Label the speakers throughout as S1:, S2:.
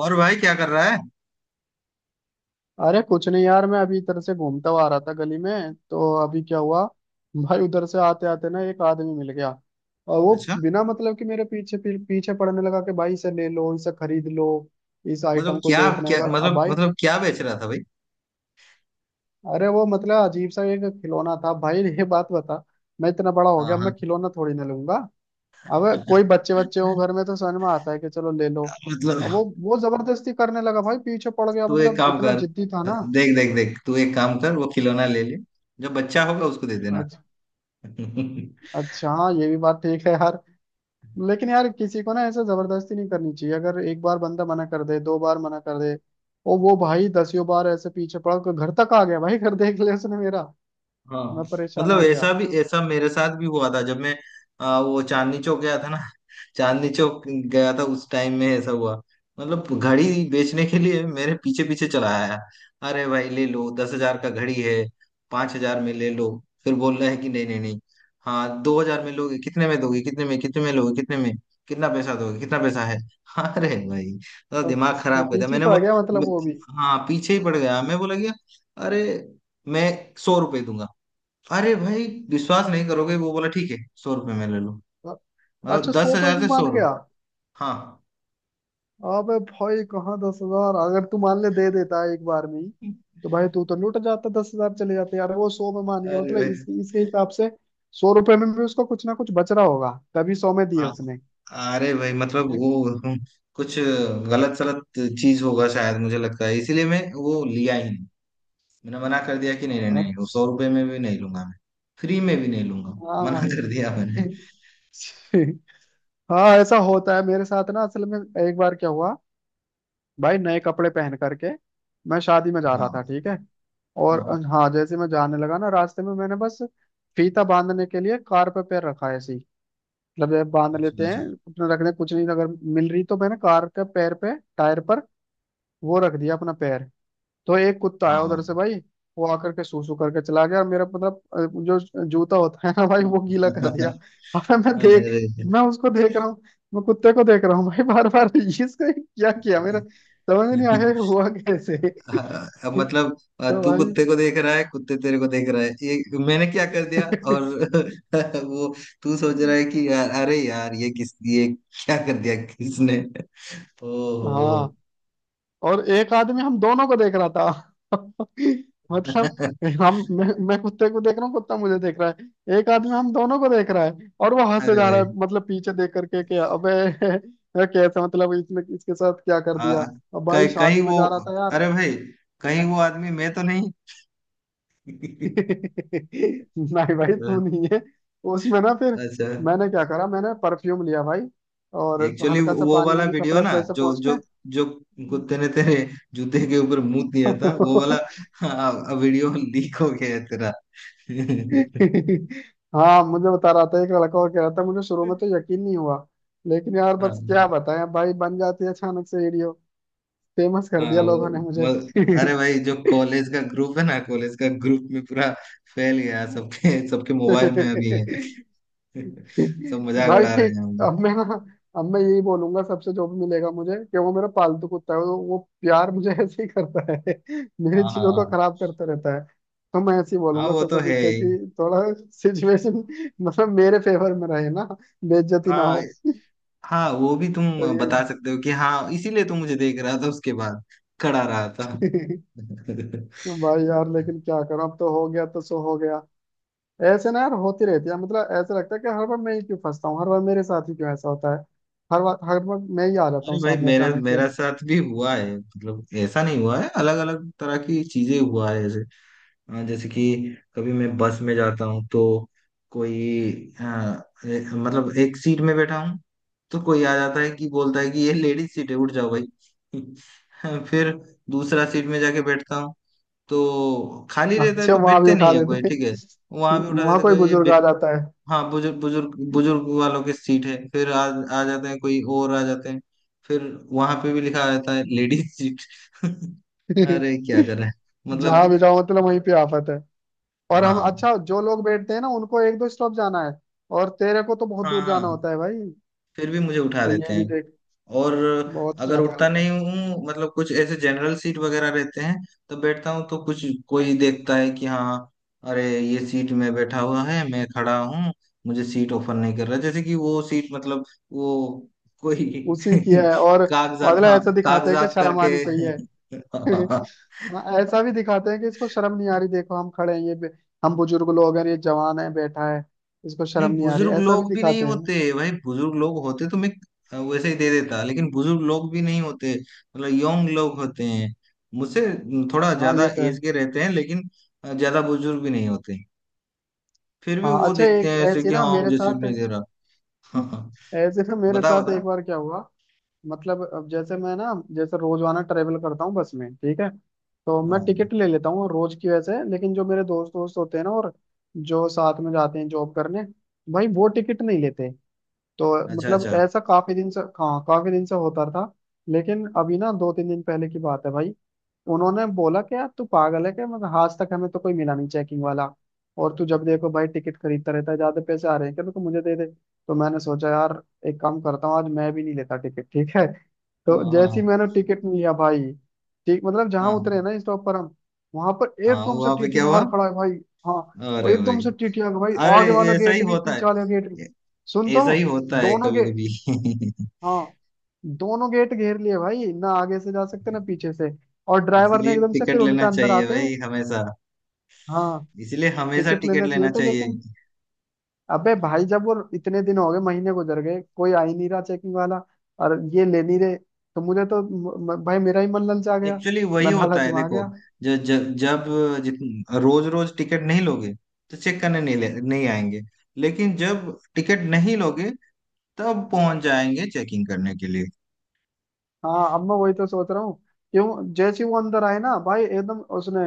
S1: और भाई क्या कर रहा है?
S2: अरे कुछ नहीं यार, मैं अभी इधर से घूमता हुआ आ रहा था गली में। तो अभी क्या हुआ भाई, उधर से आते आते ना एक आदमी मिल गया। और वो
S1: अच्छा।
S2: बिना मतलब कि मेरे पीछे पीछे पड़ने लगा कि भाई इसे ले लो, इसे खरीद लो, इस
S1: मतलब
S2: आइटम को
S1: क्या?
S2: देखना एक
S1: क्या
S2: बार। अब
S1: मतलब
S2: भाई,
S1: मतलब क्या बेच रहा था भाई?
S2: अरे वो मतलब अजीब सा एक खिलौना था। भाई ये बात बता, मैं इतना बड़ा हो
S1: हाँ
S2: गया,
S1: हाँ।
S2: मैं खिलौना थोड़ी ना लूंगा। अब कोई बच्चे बच्चे हो घर में तो समझ में आता है कि चलो ले लो।
S1: मतलब
S2: अब वो जबरदस्ती करने लगा भाई, पीछे पड़ गया,
S1: तू एक
S2: मतलब
S1: काम
S2: इतना
S1: कर।
S2: जिद्दी था ना।
S1: देख, देख, देख, तू एक काम कर, वो खिलौना ले ले। जब बच्चा होगा उसको दे देना।
S2: अच्छा। अच्छा हाँ, ये भी बात ठीक है यार। लेकिन यार, किसी को ना ऐसा जबरदस्ती नहीं करनी चाहिए। अगर एक बार बंदा मना कर दे, दो बार मना कर दे। और वो भाई दसियों बार ऐसे पीछे पड़ा कि घर तक आ गया, भाई घर देख लिया उसने मेरा।
S1: हाँ।
S2: मैं परेशान
S1: मतलब
S2: हो गया।
S1: ऐसा भी, ऐसा मेरे साथ भी हुआ था। जब मैं वो चांदनी चौक गया था ना। चांदनी चौक गया था उस टाइम में ऐसा हुआ। मतलब घड़ी बेचने के लिए मेरे पीछे पीछे चला आया। अरे भाई ले लो, 10 हजार का घड़ी है। 5 हजार में ले लो। फिर बोल रहा है कि नहीं नहीं नहीं। हाँ, 2 हजार में लोगे, कितने में दोगे, कितने में, कितने में लोगे, कितने में? कितना पैसा दोगे, कितना पैसा है? अरे भाई। तो दिमाग
S2: अच्छा,
S1: खराब कर दिया
S2: पीछे ही
S1: मैंने,
S2: पड़
S1: वो
S2: गया, मतलब
S1: मैं-
S2: वो भी।
S1: हाँ, पीछे ही पड़ गया, मैं बोला, गया अरे मैं 100 रुपए दूंगा। अरे भाई, विश्वास नहीं करोगे, वो बोला ठीक है, 100 रुपये में ले लो।
S2: अ-
S1: मतलब
S2: अच्छा,
S1: दस
S2: सौ पे
S1: हजार
S2: भी
S1: से सौ
S2: मान गया।
S1: रुपये हाँ।
S2: अबे भाई, कहाँ 10,000। अगर तू मान ले, दे देता एक बार में ही, तो भाई तू तो लुट जाता, 10,000 चले जाते यार। वो 100 में मान गया,
S1: अरे
S2: मतलब
S1: भाई।
S2: इसके हिसाब से 100 रुपए में भी उसको कुछ ना कुछ बच रहा होगा, तभी 100 में दिए
S1: हाँ।
S2: उसने।
S1: अरे भाई मतलब वो कुछ गलत सलत चीज होगा शायद, मुझे लगता है, इसीलिए मैं वो लिया ही नहीं। मैंने मना कर दिया कि नहीं नहीं नहीं, वो
S2: अच्छा।
S1: 100 रुपये में भी नहीं लूंगा मैं। फ्री में भी नहीं लूंगा।
S2: हाँ
S1: मना
S2: भाई।
S1: कर दिया मैंने।
S2: हाँ, ऐसा होता है मेरे साथ ना असल में। एक बार क्या हुआ भाई, नए कपड़े पहन करके मैं शादी में जा रहा था,
S1: हाँ
S2: ठीक है। और
S1: हाँ।
S2: हाँ, जैसे मैं जाने लगा ना, रास्ते में मैंने बस फीता बांधने के लिए कार पे पैर रखा है, ऐसे ही। मतलब जब बांध
S1: अच्छा
S2: लेते हैं
S1: अच्छा।
S2: अपने, रखने कुछ नहीं अगर मिल रही। तो मैंने कार के पैर पे, टायर पर वो रख दिया अपना पैर। तो एक कुत्ता
S1: हाँ
S2: आया
S1: हाँ।
S2: उधर से भाई। वो आकर के सूसू करके चला गया, और मेरा मतलब जो जूता होता है ना भाई, वो गीला कर दिया। अबे मैं उसको देख रहा हूँ, मैं कुत्ते को देख रहा हूँ भाई। बार बार इसको क्या किया मेरा, समझ नहीं
S1: अरे।
S2: आया ये हुआ कैसे।
S1: हाँ, अब मतलब
S2: तो
S1: तू
S2: भाई।
S1: कुत्ते को देख रहा है, कुत्ते तेरे को देख रहा है, ये मैंने क्या कर दिया और वो, तू सोच रहा है कि यार, अरे यार ये किस ये क्या कर दिया किसने। ओहो।
S2: हाँ, और एक आदमी हम दोनों को देख रहा था। मतलब
S1: अरे
S2: मैं कुत्ते को देख रहा हूँ, कुत्ता मुझे देख रहा है, एक आदमी हम दोनों को देख रहा है और वो हंसे जा रहा
S1: भाई।
S2: है मतलब पीछे देख करके कि अबे, ये कैसे मतलब इसने इसके साथ क्या कर दिया।
S1: आ,
S2: अब भाई
S1: कहीं कहीं
S2: शादी में
S1: वो,
S2: जा रहा था यार।
S1: अरे भाई कहीं वो आदमी मैं तो नहीं?
S2: नहीं भाई, तू नहीं है उसमें ना। फिर
S1: अच्छा।
S2: मैंने क्या करा, मैंने परफ्यूम लिया भाई, और
S1: एक्चुअली वो
S2: हल्का सा
S1: वो
S2: पानी
S1: वाला
S2: वानी
S1: वीडियो
S2: कपड़े
S1: ना,
S2: पर से
S1: जो
S2: पहुंच के।
S1: जो जो कुत्ते ने तेरे जूते के ऊपर मुंह दिया था, वो वाला वीडियो लीक हो गया है तेरा।
S2: हाँ, मुझे बता रहा था एक लड़का, और कह रहा था। मुझे शुरू में तो यकीन नहीं हुआ, लेकिन यार
S1: हाँ
S2: बस क्या बताएं, अब भाई बन जाती है अचानक से वीडियो। फेमस कर
S1: हाँ।
S2: दिया
S1: वो
S2: लोगों ने मुझे।
S1: अरे भाई जो कॉलेज का ग्रुप है ना, कॉलेज का ग्रुप में पूरा फैल गया, सबके सबके मोबाइल में अभी है। सब मजाक
S2: भाई,
S1: उड़ा रहे हैं हम।
S2: अब मैं ना अब मैं यही बोलूंगा सबसे, जो भी मिलेगा मुझे, कि वो मेरा पालतू कुत्ता है, वो प्यार मुझे ऐसे ही करता है, मेरी
S1: हाँ हाँ
S2: चीजों को
S1: हाँ।
S2: खराब करता रहता है। तो मैं ऐसे ही
S1: हाँ,
S2: बोलूंगा
S1: वो तो
S2: सबको,
S1: है
S2: जिससे
S1: ही।
S2: कि थोड़ा सिचुएशन मतलब मेरे फेवर में रहे ना, बेइज्जती ना।
S1: हाँ हाँ, वो भी
S2: तो
S1: तुम
S2: ये।
S1: बता सकते हो कि हाँ इसीलिए तुम मुझे देख रहा था, उसके बाद खड़ा रहा था।
S2: भाई यार, लेकिन क्या करूं, अब तो हो गया तो सो हो गया। ऐसे ना यार होती रहती है, मतलब ऐसा लगता है कि हर बार मैं ही क्यों फंसता हूँ, हर बार मेरे साथ ही क्यों ऐसा होता है। हर बार मैं ही आ जाता
S1: अरे
S2: हूँ
S1: भाई
S2: सामने
S1: मेरा
S2: अचानक से।
S1: मेरा साथ भी हुआ है, मतलब ऐसा नहीं हुआ है, अलग अलग तरह की चीजें हुआ है। हाँ, जैसे कि कभी मैं बस में जाता हूँ तो कोई मतलब एक सीट में बैठा हूँ, तो कोई आ जाता है कि बोलता है कि ये लेडीज सीट है, उठ जाओ भाई। फिर दूसरा सीट में जाके बैठता हूँ, तो खाली रहता है
S2: अच्छा,
S1: तो
S2: वहां भी
S1: बैठते नहीं
S2: उठा
S1: है
S2: देते
S1: कोई,
S2: हैं।
S1: ठीक है। वहां भी उठा
S2: वहां
S1: देते
S2: कोई
S1: कोई,
S2: बुजुर्ग आ जाता है।
S1: हाँ, बुजुर्ग बुजुर्ग बुजुर्ग वालों की सीट है। फिर आ जाते हैं कोई और आ जाते हैं। फिर वहां पे भी लिखा रहता है लेडीज सीट। अरे क्या करें
S2: जहां
S1: मतलब।
S2: भी जाओ, मतलब वहीं पे आफत है। और हम,
S1: हाँ
S2: अच्छा, जो लोग बैठते हैं ना, उनको 1-2 स्टॉप जाना है, और तेरे को तो बहुत
S1: हाँ
S2: दूर जाना
S1: हाँ,
S2: होता है भाई।
S1: फिर भी मुझे उठा
S2: तो
S1: देते
S2: ये भी
S1: हैं।
S2: देख,
S1: और
S2: बहुत
S1: अगर
S2: ज्यादा
S1: उठता
S2: गलत है।
S1: नहीं हूँ, मतलब कुछ ऐसे जनरल सीट वगैरह रहते हैं, तो बैठता हूँ, तो कुछ कोई देखता है कि हाँ अरे ये सीट में बैठा हुआ है, मैं खड़ा हूँ, मुझे सीट ऑफर नहीं कर रहा, जैसे कि वो सीट मतलब वो कोई
S2: उसी की है, और
S1: कागजात,
S2: मतलब
S1: हाँ
S2: ऐसा दिखाते हैं कि
S1: कागजात
S2: शर्म
S1: करके।
S2: आनी चाहिए।
S1: हाँ, हाँ।
S2: हाँ, ऐसा भी दिखाते हैं कि इसको शर्म नहीं आ रही, देखो हम खड़े हैं, ये हम बुजुर्ग लोग हैं, ये जवान है, बैठा है, इसको
S1: नहीं,
S2: शर्म नहीं आ रही,
S1: बुजुर्ग
S2: ऐसा भी
S1: लोग भी नहीं
S2: दिखाते हैं।
S1: होते भाई, बुजुर्ग लोग होते तो मैं वैसे ही दे देता, लेकिन बुजुर्ग लोग भी नहीं होते, मतलब यंग लोग होते हैं, मुझसे थोड़ा
S2: हाँ,
S1: ज्यादा
S2: ये तो है।
S1: एज के रहते हैं लेकिन ज्यादा बुजुर्ग भी नहीं होते। फिर भी
S2: हाँ
S1: वो
S2: अच्छा,
S1: देखते
S2: एक
S1: हैं ऐसे
S2: ऐसे
S1: कि
S2: ना
S1: हाँ
S2: मेरे
S1: मुझे सीट
S2: साथ।
S1: नहीं दे रहा।
S2: ऐसे ना मेरे
S1: बता
S2: साथ एक
S1: बता।
S2: बार क्या हुआ। मतलब अब जैसे मैं ना, जैसे रोजाना ट्रेवल करता हूँ बस में, ठीक है। तो मैं
S1: हाँ
S2: टिकट ले लेता हूँ रोज की वैसे। लेकिन जो मेरे दोस्त दोस्त होते हैं ना, और जो साथ में जाते हैं जॉब करने, भाई वो टिकट नहीं लेते। तो
S1: अच्छा
S2: मतलब
S1: अच्छा।
S2: ऐसा काफी दिन से, हाँ, काफी दिन से होता था। लेकिन अभी ना 2-3 दिन पहले की बात है भाई, उन्होंने बोला कि यार तू पागल है क्या, मतलब आज तक हमें तो कोई मिला नहीं चेकिंग वाला। और तू जब देखो भाई टिकट खरीदता रहता है, ज्यादा पैसे आ रहे हैं क्या, तो तू मुझे दे दे। तो मैंने सोचा यार, एक काम करता हूँ, आज मैं भी नहीं लेता टिकट, ठीक है। तो
S1: हाँ
S2: जैसे
S1: हाँ
S2: ही मैंने टिकट लिया भाई, ठीक मतलब जहां
S1: हाँ
S2: उतरे
S1: हाँ।
S2: ना स्टॉप पर हम, वहां पर
S1: हाँ,
S2: एकदम से
S1: वहाँ पे
S2: टीटी
S1: क्या हुआ?
S2: बाहर खड़ा है भाई। हाँ, वो
S1: अरे भाई।
S2: एकदम से टीटी आ गया भाई,
S1: अरे
S2: आगे वाला
S1: ऐसा ही
S2: गेट भी,
S1: होता है,
S2: पीछे वाला गेट भी।
S1: ऐ-
S2: सुन तो,
S1: ऐसा ही होता है
S2: दोनों के,
S1: कभी कभी।
S2: हाँ, दोनों गेट घेर लिए भाई, ना आगे से जा सकते ना पीछे से। और ड्राइवर ने
S1: इसीलिए
S2: एकदम से फिर
S1: टिकट
S2: उनके
S1: लेना
S2: अंदर
S1: चाहिए
S2: आते ही।
S1: भाई, हमेशा
S2: हाँ,
S1: इसीलिए हमेशा
S2: टिकट
S1: टिकट
S2: लेना चाहिए
S1: लेना
S2: था,
S1: चाहिए।
S2: लेकिन अबे भाई, जब वो इतने दिन हो गए, महीने गुजर गए कोई आ ही नहीं रहा चेकिंग वाला, और ये ले नहीं रहे, तो मुझे तो म, म- भाई मेरा ही मन ललचा गया,
S1: एक्चुअली वही
S2: मैं
S1: होता
S2: लालच
S1: है
S2: में आ
S1: देखो,
S2: गया।
S1: जो जब जब जित रोज रोज टिकट नहीं लोगे, तो चेक करने नहीं आएंगे। लेकिन जब टिकट नहीं लोगे, तब पहुंच जाएंगे चेकिंग करने के लिए।
S2: हाँ, अब मैं वही तो सोच रहा हूँ, क्यों जैसे ही वो अंदर आए ना भाई, एकदम उसने,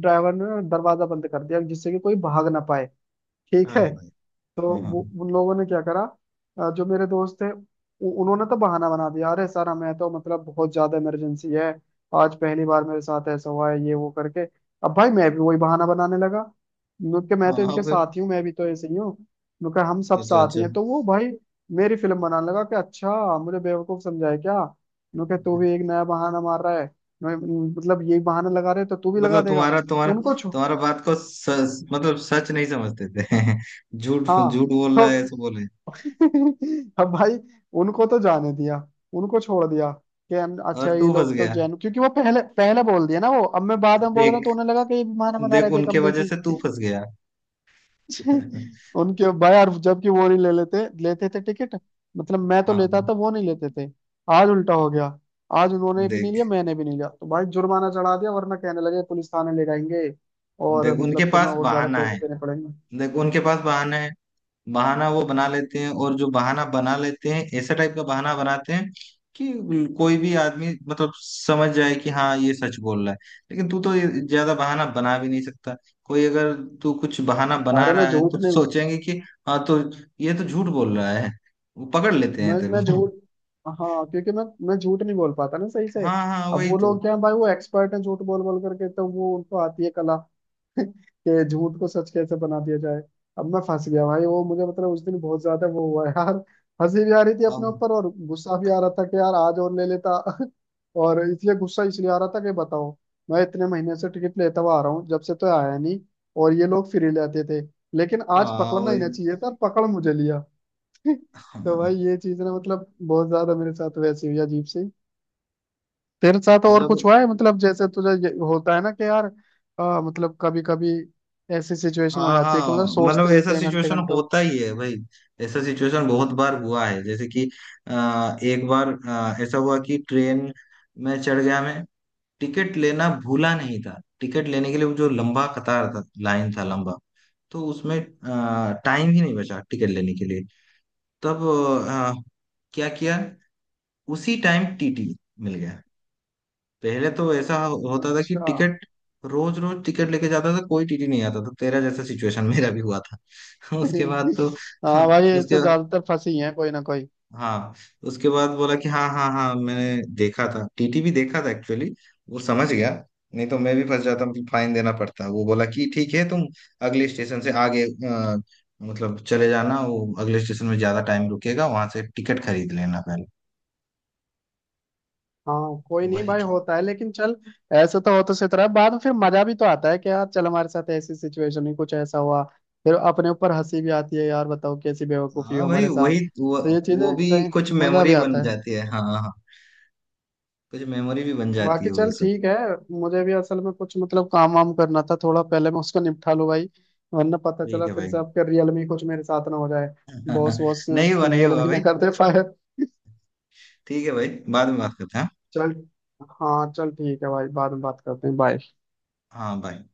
S2: ड्राइवर ने दरवाजा बंद कर दिया, जिससे कि कोई भाग ना पाए, ठीक है।
S1: अरे भाई।
S2: तो
S1: हाँ
S2: वो उन लोगों ने क्या करा, जो मेरे दोस्त थे, उन्होंने तो बहाना बना दिया, अरे सर, हमें तो मतलब बहुत ज्यादा इमरजेंसी है, आज पहली बार मेरे साथ ऐसा हुआ है, ये वो करके। अब भाई मैं भी वही बहाना बनाने लगा, क्योंकि मैं
S1: हाँ।
S2: तो
S1: हाँ,
S2: इनके
S1: फिर
S2: साथ ही हूँ, मैं भी तो ऐसे ही हूँ, क्योंकि हम सब
S1: अच्छा
S2: साथ ही
S1: अच्छा।
S2: हैं। तो वो भाई मेरी फिल्म बनाने लगा कि अच्छा, मुझे बेवकूफ समझाए क्या, उन्होंने कहा, तू भी एक नया बहाना मार रहा है। मैं- मतलब यही बहाना लगा रहे तो तू भी लगा
S1: मतलब
S2: देगा।
S1: तुम्हारा तुम्हारा
S2: उनको छो
S1: तुम्हारा बात को मतलब सच नहीं समझते थे। झूठ झूठ
S2: हाँ,
S1: बोल
S2: तो
S1: रहा है, ऐसे बोले।
S2: अब भाई उनको तो जाने दिया, उनको छोड़ दिया, कि हम अच्छा
S1: और
S2: ये
S1: तू फंस
S2: लोग तो
S1: गया।
S2: जैन, क्योंकि वो पहले पहले बोल दिया ना, वो अब मैं बाद में बोल रहा हूँ,
S1: देख
S2: तो उन्हें लगा कि ये भी बहाना बना
S1: देख
S2: रहे, देख
S1: उनके
S2: हम
S1: वजह
S2: देखी।
S1: से तू फंस गया।
S2: उनके भाई, और जबकि वो नहीं ले लेते लेते थे टिकट, मतलब मैं तो लेता
S1: हाँ।
S2: था, वो नहीं लेते थे। आज उल्टा हो गया, आज उन्होंने भी नहीं लिया,
S1: देख
S2: मैंने भी नहीं लिया, तो भाई जुर्माना चढ़ा दिया, वरना कहने लगे पुलिस थाने ले जाएंगे और
S1: देख उनके
S2: मतलब तुम्हें
S1: पास
S2: और ज्यादा
S1: बहाना
S2: पैसे
S1: है।
S2: देने पड़ेंगे।
S1: देख, उनके पास बहाना है। बहाना वो बना लेते हैं, और जो बहाना बना लेते हैं, ऐसे टाइप का बहाना बनाते हैं कि कोई भी आदमी मतलब समझ जाए कि हाँ ये सच बोल रहा है। लेकिन तू तो ये ज्यादा बहाना बना भी नहीं सकता। कोई अगर तू कुछ बहाना बना
S2: अरे मैं
S1: रहा है,
S2: झूठ
S1: तो
S2: नहीं,
S1: सोचेंगे कि हाँ, तो ये तो झूठ बोल रहा है। वो पकड़ लेते
S2: मैं
S1: हैं तेरे
S2: मैं
S1: को।
S2: झूठ। हाँ, क्योंकि मैं झूठ नहीं बोल पाता ना सही से।
S1: हाँ हाँ,
S2: अब
S1: वही
S2: वो
S1: तो।
S2: लोग क्या है भाई, वो एक्सपर्ट हैं झूठ बोल बोल करके, तो वो उनको आती है कला कि झूठ को सच कैसे बना दिया जाए। अब मैं फंस गया भाई, वो मुझे मतलब उस दिन बहुत ज्यादा वो हुआ यार। हंसी भी आ रही थी अपने
S1: अब
S2: ऊपर, और गुस्सा भी आ रहा था कि यार, आज और ले लेता। और इसलिए गुस्सा इसलिए आ रहा था कि बताओ, मैं इतने महीने से टिकट लेता हुआ आ रहा हूँ, जब से तो आया नहीं, और ये लोग फ्री लेते थे, लेकिन आज
S1: हाँ,
S2: पकड़ना ही
S1: वही।
S2: ना चाहिए था, पकड़ मुझे लिया। तो भाई,
S1: हाँ
S2: ये चीज ना मतलब बहुत ज्यादा मेरे साथ वैसे हुई अजीब सी। तेरे साथ और कुछ
S1: मतलब।
S2: हुआ है, मतलब जैसे तुझे ये होता है ना कि यार, मतलब कभी कभी ऐसी सिचुएशन हो
S1: हाँ
S2: जाती है
S1: हाँ,
S2: कि मतलब
S1: मतलब
S2: सोचते
S1: ऐसा
S2: रहते हैं घंटे
S1: सिचुएशन
S2: घंटों।
S1: होता ही है भाई। ऐसा सिचुएशन बहुत बार हुआ है, जैसे कि एक बार ऐसा हुआ कि ट्रेन में चढ़ गया मैं, टिकट लेना भूला नहीं था। टिकट लेने के लिए वो जो लंबा कतार था, लाइन था लंबा, तो उसमें टाइम ही नहीं बचा टिकट लेने के लिए। तब अ, क्या किया, उसी टाइम टीटी मिल गया। पहले तो ऐसा होता था कि
S2: अच्छा।
S1: टिकट रोज रोज टिकट लेके जाता था, कोई टीटी नहीं आता था, तेरा जैसा सिचुएशन मेरा भी हुआ था। उसके बाद तो हाँ,
S2: हाँ भाई,
S1: उसके,
S2: ऐसे ज्यादातर फंसी हैं कोई ना कोई।
S1: हाँ उसके बाद बोला कि हाँ हाँ हाँ, मैंने देखा था टीटी, भी देखा था एक्चुअली। वो समझ गया, नहीं तो मैं भी फंस जाता, मतलब फाइन देना पड़ता। वो बोला कि ठीक है, तुम अगले स्टेशन से आगे मतलब चले जाना, वो अगले स्टेशन में ज्यादा टाइम रुकेगा, वहां से टिकट खरीद लेना पहले।
S2: हाँ कोई नहीं
S1: वही।
S2: भाई, होता है, लेकिन चल ऐसे तो होते से तरह। बाद में फिर मजा भी तो आता है, कि यार चल हमारे साथ ऐसी सिचुएशन में कुछ ऐसा हुआ, फिर अपने ऊपर हंसी भी आती है यार। बताओ कैसी बेवकूफी
S1: हाँ
S2: हो
S1: भाई,
S2: हमारे साथ।
S1: वही
S2: तो ये चीजें
S1: वो भी
S2: कहीं
S1: कुछ
S2: मजा
S1: मेमोरी
S2: भी
S1: बन
S2: आता है।
S1: जाती है। हाँ हाँ हाँ। कुछ मेमोरी भी बन जाती
S2: बाकी
S1: है वो
S2: चल
S1: सब।
S2: ठीक है, मुझे भी असल में कुछ मतलब काम वाम करना था थोड़ा, पहले मैं उसको निपटा लूँ भाई, वरना पता
S1: ठीक
S2: चला
S1: है
S2: फिर
S1: भाई।
S2: से आपके रियल में कुछ मेरे साथ ना हो जाए, बॉस बॉस
S1: नहीं हुआ, नहीं
S2: रियल में
S1: हुआ
S2: ही ना
S1: भाई।
S2: कर दे फायर।
S1: ठीक है भाई, बाद में बात करते हैं।
S2: चल, हाँ चल ठीक है भाई, बाद में बात करते हैं, बाय।
S1: हाँ बाय।